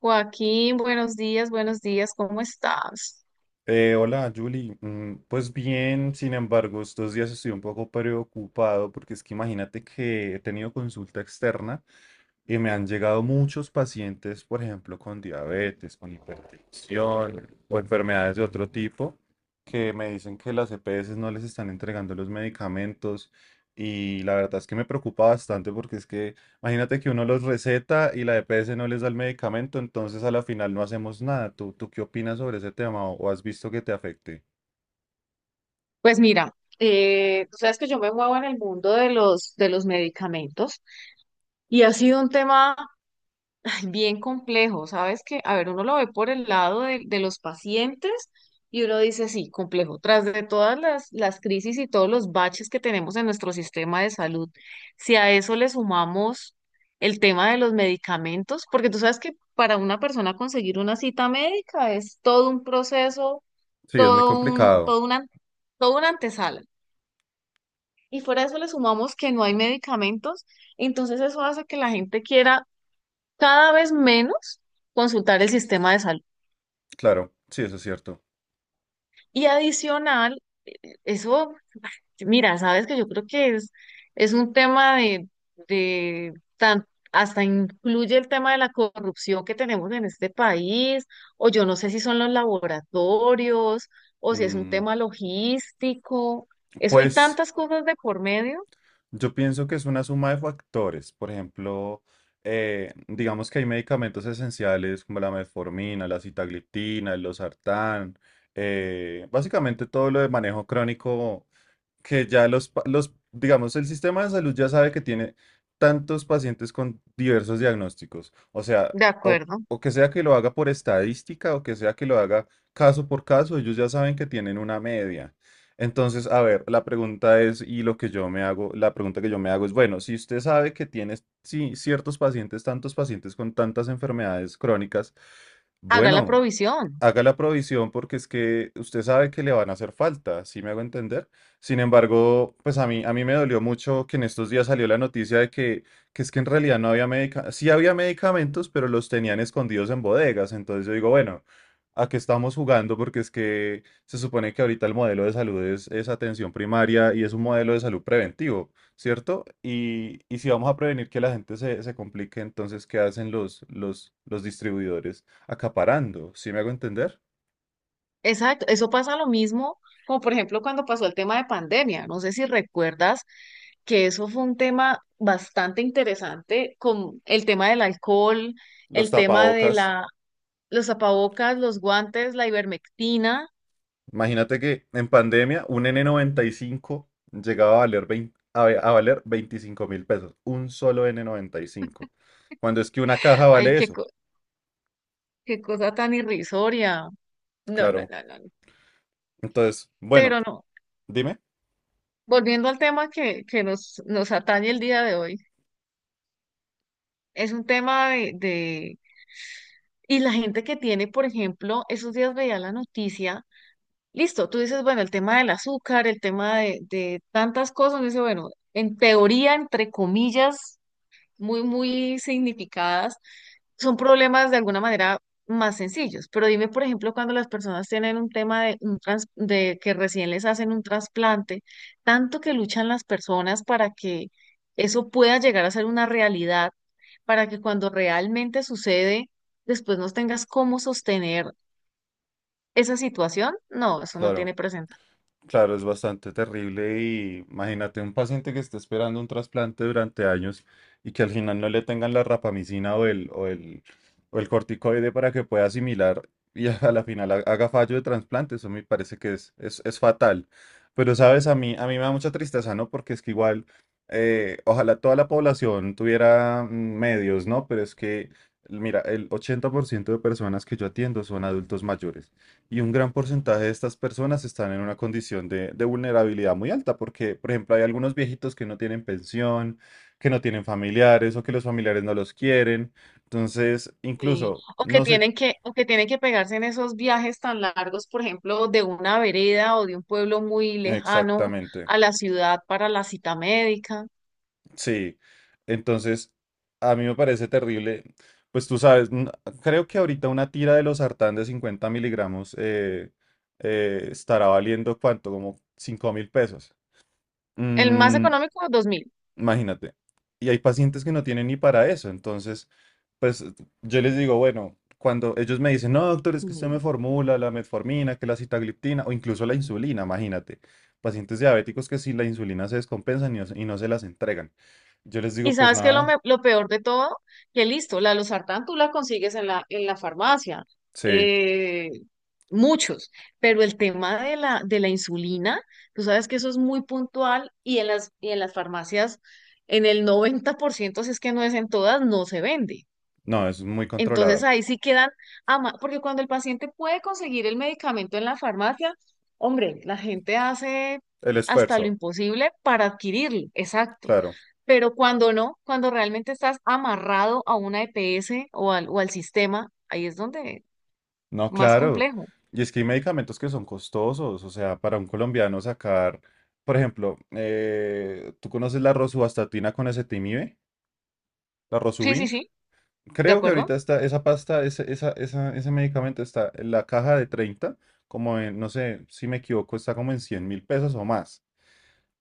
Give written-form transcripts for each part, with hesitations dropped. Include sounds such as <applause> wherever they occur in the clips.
Joaquín, buenos días, ¿cómo estás? Hola, Julie. Pues bien, sin embargo, estos días estoy un poco preocupado porque es que imagínate que he tenido consulta externa. Y me han llegado muchos pacientes, por ejemplo, con diabetes, con hipertensión o enfermedades de otro tipo, que me dicen que las EPS no les están entregando los medicamentos. Y la verdad es que me preocupa bastante porque es que imagínate que uno los receta y la EPS no les da el medicamento, entonces a la final no hacemos nada. ¿Tú qué opinas sobre ese tema o has visto que te afecte? Pues mira, tú sabes que yo me muevo en el mundo de los medicamentos y ha sido un tema ay, bien complejo, ¿sabes? Que, a ver, uno lo ve por el lado de los pacientes y uno dice, sí, complejo, tras de todas las crisis y todos los baches que tenemos en nuestro sistema de salud, si a eso le sumamos el tema de los medicamentos, porque tú sabes que para una persona conseguir una cita médica es todo un proceso, Sí, es muy todo un, complicado. todo una, toda una antesala. Y fuera de eso le sumamos que no hay medicamentos, entonces eso hace que la gente quiera cada vez menos consultar el sistema de salud. Claro, sí, eso es cierto. Y adicional, eso, mira, sabes que yo creo que es un tema de tan- hasta incluye el tema de la corrupción que tenemos en este país, o yo no sé si son los laboratorios, o si es un Mm, tema logístico. Eso hay pues. tantas cosas de por medio. Yo pienso que es una suma de factores. Por ejemplo, digamos que hay medicamentos esenciales como la metformina, la sitagliptina, el losartán, básicamente todo lo de manejo crónico que ya los, los, digamos, el sistema de salud ya sabe que tiene tantos pacientes con diversos diagnósticos. O sea, De o, acuerdo. o que sea que lo haga por estadística o que sea que lo haga caso por caso, ellos ya saben que tienen una media. Entonces, a ver, la pregunta es, y lo que yo me hago, la pregunta que yo me hago es, bueno, si usted sabe que tiene, sí, ciertos pacientes, tantos pacientes con tantas enfermedades crónicas, Haga la bueno, provisión. haga la provisión porque es que usted sabe que le van a hacer falta, ¿sí me hago entender? Sin embargo, pues a mí me dolió mucho que en estos días salió la noticia de que es que en realidad no había medicamentos, sí había medicamentos, pero los tenían escondidos en bodegas. Entonces yo digo, bueno, ¿a qué estamos jugando? Porque es que se supone que ahorita el modelo de salud es atención primaria y es un modelo de salud preventivo, ¿cierto? Y si vamos a prevenir que la gente se complique, entonces, ¿qué hacen los distribuidores? Acaparando, ¿sí me hago entender? Exacto. Eso pasa lo mismo, como por ejemplo cuando pasó el tema de pandemia. No sé si recuerdas que eso fue un tema bastante interesante con el tema del alcohol, Los el tema de tapabocas. la, los tapabocas, los guantes, la ivermectina. Imagínate que en pandemia un N95 llegaba a valer 20, a ve- a valer 25.000 pesos, un solo N95. Cuando es que una caja Ay, vale qué, eso, co- qué cosa tan irrisoria. No, no, claro. no, no. No. Entonces, bueno, Pero no, dime, volviendo al tema que nos atañe el día de hoy, es un tema de. Y la gente que tiene, por ejemplo, esos días veía la noticia, listo, tú dices, bueno, el tema del azúcar, el tema de tantas cosas, dice, bueno, en teoría, entre comillas, muy, muy significadas, son problemas de alguna manera más sencillos. Pero dime, por ejemplo, cuando las personas tienen un tema de que recién les hacen un trasplante, tanto que luchan las personas para que eso pueda llegar a ser una realidad, para que cuando realmente sucede, después no tengas cómo sostener esa situación. No, eso no claro. tiene presente. Claro, es bastante terrible y imagínate un paciente que esté esperando un trasplante durante años y que al final no le tengan la rapamicina o el corticoide para que pueda asimilar y <laughs> a la final haga fallo de trasplante. Eso me parece que es fatal. Pero sabes, a mí me da mucha tristeza, ¿no? Porque es que igual, ojalá toda la población tuviera medios, ¿no? Pero es que, mira, el 80% de personas que yo atiendo son adultos mayores. Y un gran porcentaje de estas personas están en una condición de vulnerabilidad muy alta, porque, por ejemplo, hay algunos viejitos que no tienen pensión, que no tienen familiares o que los familiares no los quieren. Entonces, Sí, incluso, O que no sé tienen que, o que tienen que pegarse en esos viajes tan largos, por ejemplo, de una vereda o de un pueblo muy lejano exactamente. a la ciudad para la cita médica. Sí. Entonces, a mí me parece terrible. Pues tú sabes, creo que ahorita una tira de los sartán de 50 mg estará valiendo cuánto, como 5.000 pesos. El más Mm, económico, 2000. Imagínate. Y hay pacientes que no tienen ni para eso. Entonces, pues yo les digo, bueno, cuando ellos me dicen, no, doctor, es que usted me Mm. formula la metformina, que la sitagliptina o incluso la insulina, imagínate. Pacientes diabéticos que si la insulina se descompensan y no se las entregan. Yo les Y digo, pues sabes que nada, lo peor de todo, que listo, la losartán tú la consigues en la farmacia, sí, eh, muchos, pero el tema de la insulina, tú sabes que eso es muy puntual y en las farmacias, en el 90% si es que no es en todas, no se vende. no, es muy Entonces controlado. ahí sí quedan, porque cuando el paciente puede conseguir el medicamento en la farmacia, hombre, la gente hace El hasta lo esfuerzo, imposible para adquirirlo, exacto. claro. Pero cuando no, cuando realmente estás amarrado a una EPS o al sistema, ahí es donde No, más claro. complejo. Y es que hay medicamentos que son costosos. O sea, para un colombiano sacar, por ejemplo, ¿tú conoces la rosuvastatina con ezetimibe? La Sí, sí, Rosuvin. sí, ¿de Creo que acuerdo? ahorita está esa pasta, ese medicamento está en la caja de 30 como en, no sé si me equivoco, está como en 100.000 pesos o más.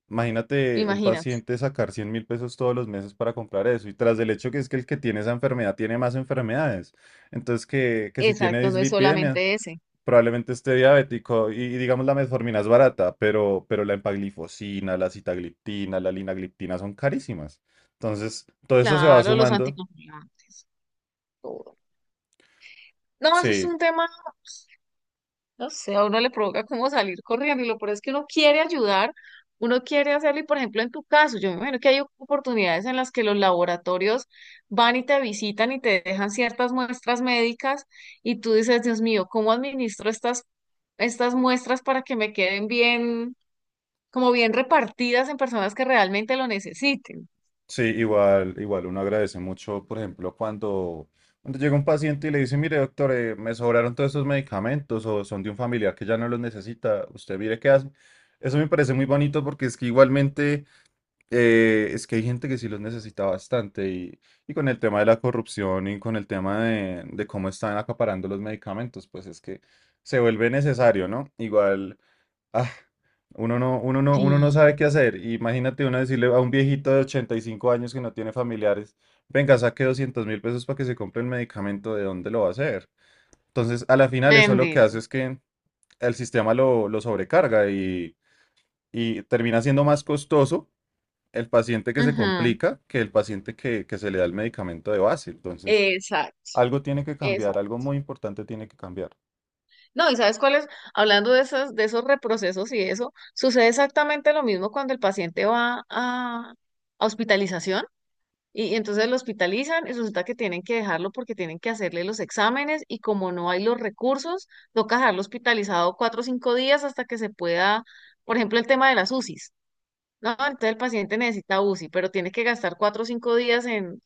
Imagínate un Imagínate. paciente sacar 100.000 pesos todos los meses para comprar eso. Y tras del hecho que es que el que tiene esa enfermedad tiene más enfermedades. Entonces, que si tiene Exacto, no es dislipidemia, solamente ese. probablemente esté diabético. Y digamos, la metformina es barata, pero la empaglifosina, la citagliptina, la linagliptina son carísimas. Entonces, todo eso se va Claro, los sumando. anticoagulantes, todo. No, eso es Sí, un tema. No sé, a uno le provoca como salir corriendo y lo peor es que uno quiere ayudar, uno quiere hacerlo y por ejemplo en tu caso, yo me imagino que hay oportunidades en las que los laboratorios van y te visitan y te dejan ciertas muestras médicas y tú dices, Dios mío, ¿cómo administro estas muestras para que me queden bien, como bien repartidas en personas que realmente lo necesiten? sí, igual uno agradece mucho, por ejemplo, cuando llega un paciente y le dice, mire, doctor, me sobraron todos estos medicamentos o son de un familiar que ya no los necesita, usted mire qué hace. Eso me parece muy bonito porque es que igualmente es que hay gente que sí los necesita bastante y con el tema de la corrupción y con el tema de cómo están acaparando los medicamentos, pues es que se vuelve necesario, ¿no? Igual, ah, uno no sabe Sí. qué hacer. Imagínate uno decirle a un viejito de 85 años que no tiene familiares, venga, saque 200.000 pesos para que se compre el medicamento, ¿de dónde lo va a hacer? Entonces, a la final eso lo que Bendito. hace es que el sistema lo sobrecarga y termina siendo más costoso el paciente que se Ujú. complica que el paciente que se le da el medicamento de base. Entonces, Exacto, algo tiene que cambiar, exacto. algo muy importante tiene que cambiar. No, ¿y sabes cuál es? Hablando de esos reprocesos y eso, sucede exactamente lo mismo cuando el paciente va a hospitalización y entonces lo hospitalizan y resulta que tienen que dejarlo porque tienen que hacerle los exámenes y como no hay los recursos, toca dejarlo hospitalizado 4 o 5 días hasta que se pueda, por ejemplo, el tema de las UCIs. No, entonces el paciente necesita UCI, pero tiene que gastar 4 o 5 días en,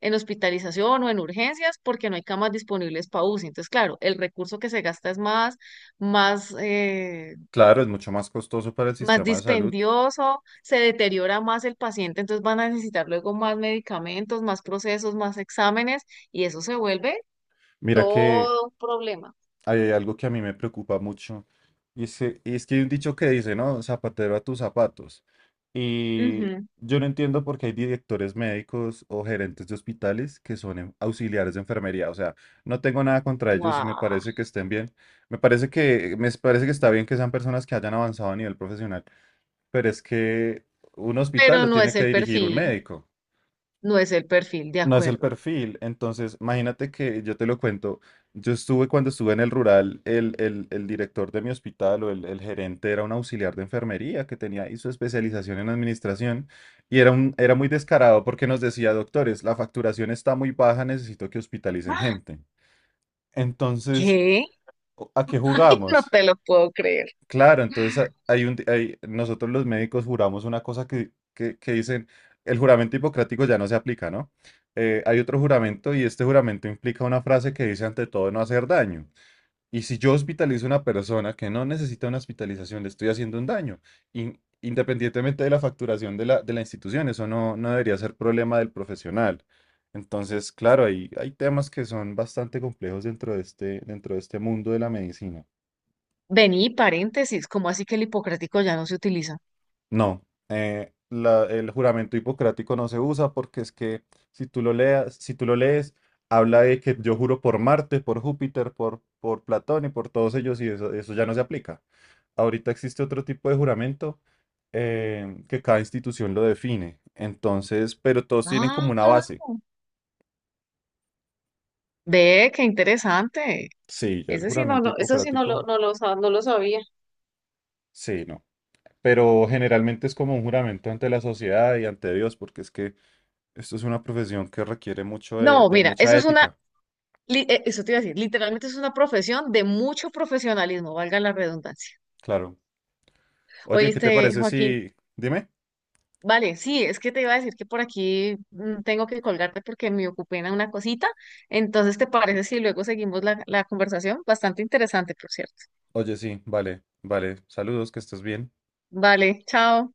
en hospitalización o en urgencias porque no hay camas disponibles para UCI. Entonces, claro, el recurso que se gasta es más, eh, Claro, es mucho más costoso para el más sistema de salud. dispendioso, se deteriora más el paciente, entonces van a necesitar luego más medicamentos, más procesos, más exámenes y eso se vuelve Mira que todo un problema. hay algo que a mí me preocupa mucho. Y es que hay un dicho que dice, ¿no? Zapatero a tus zapatos. Y Ujú. yo no entiendo por qué hay directores médicos o gerentes de hospitales que son auxiliares de enfermería. O sea, no tengo nada contra ellos y me Guau. parece que estén bien. Me parece que está bien que sean personas que hayan avanzado a nivel profesional. Pero es que un hospital Pero lo no tiene es que el dirigir un perfil, médico. no es el perfil, de No es el acuerdo. perfil. Entonces, imagínate que yo te lo cuento. Yo estuve cuando estuve en el rural, el director de mi hospital o el gerente era un auxiliar de enfermería que tenía y su especialización en administración y era muy descarado porque nos decía, doctores, la facturación está muy baja, necesito que hospitalicen gente. Entonces, ¿Qué? ¿a qué <laughs> No jugamos? te lo puedo creer. Claro, entonces nosotros los médicos juramos una cosa que dicen, el juramento hipocrático ya no se aplica, ¿no? Hay otro juramento y este juramento implica una frase que dice ante todo no hacer daño. Y si yo hospitalizo a una persona que no necesita una hospitalización, le estoy haciendo un daño, independientemente de la facturación de la institución, eso no debería ser problema del profesional. Entonces, claro, hay temas que son bastante complejos dentro de este mundo de la medicina. Vení, paréntesis, ¿cómo así que el hipocrático ya no se utiliza? No, el juramento hipocrático no se usa porque es que si tú lo lees, habla de que yo juro por Marte, por Júpiter, por Platón y por todos ellos y eso ya no se aplica. Ahorita existe otro tipo de juramento que cada institución lo define. Entonces, pero todos tienen Ah, como una caramba. base. Ve, qué interesante. Sí, ya el Eso sí no, juramento lo- eso sí no lo, hipocrático, No lo sabía. sí, no. Pero generalmente es como un juramento ante la sociedad y ante Dios, porque es que esto es una profesión que requiere mucho de No, de mira, eso mucha es una, ética. Eso te iba a decir, literalmente es una profesión de mucho profesionalismo, valga la redundancia. Claro. Oye, ¿qué te Oíste, parece Joaquín, si? Dime. vale, sí, es que te iba a decir que por aquí tengo que colgarte porque me ocupé en una cosita. Entonces, ¿te parece si luego seguimos la conversación? Bastante interesante, por cierto. Oye, sí, vale, vale. Saludos, que estés bien. Vale, chao.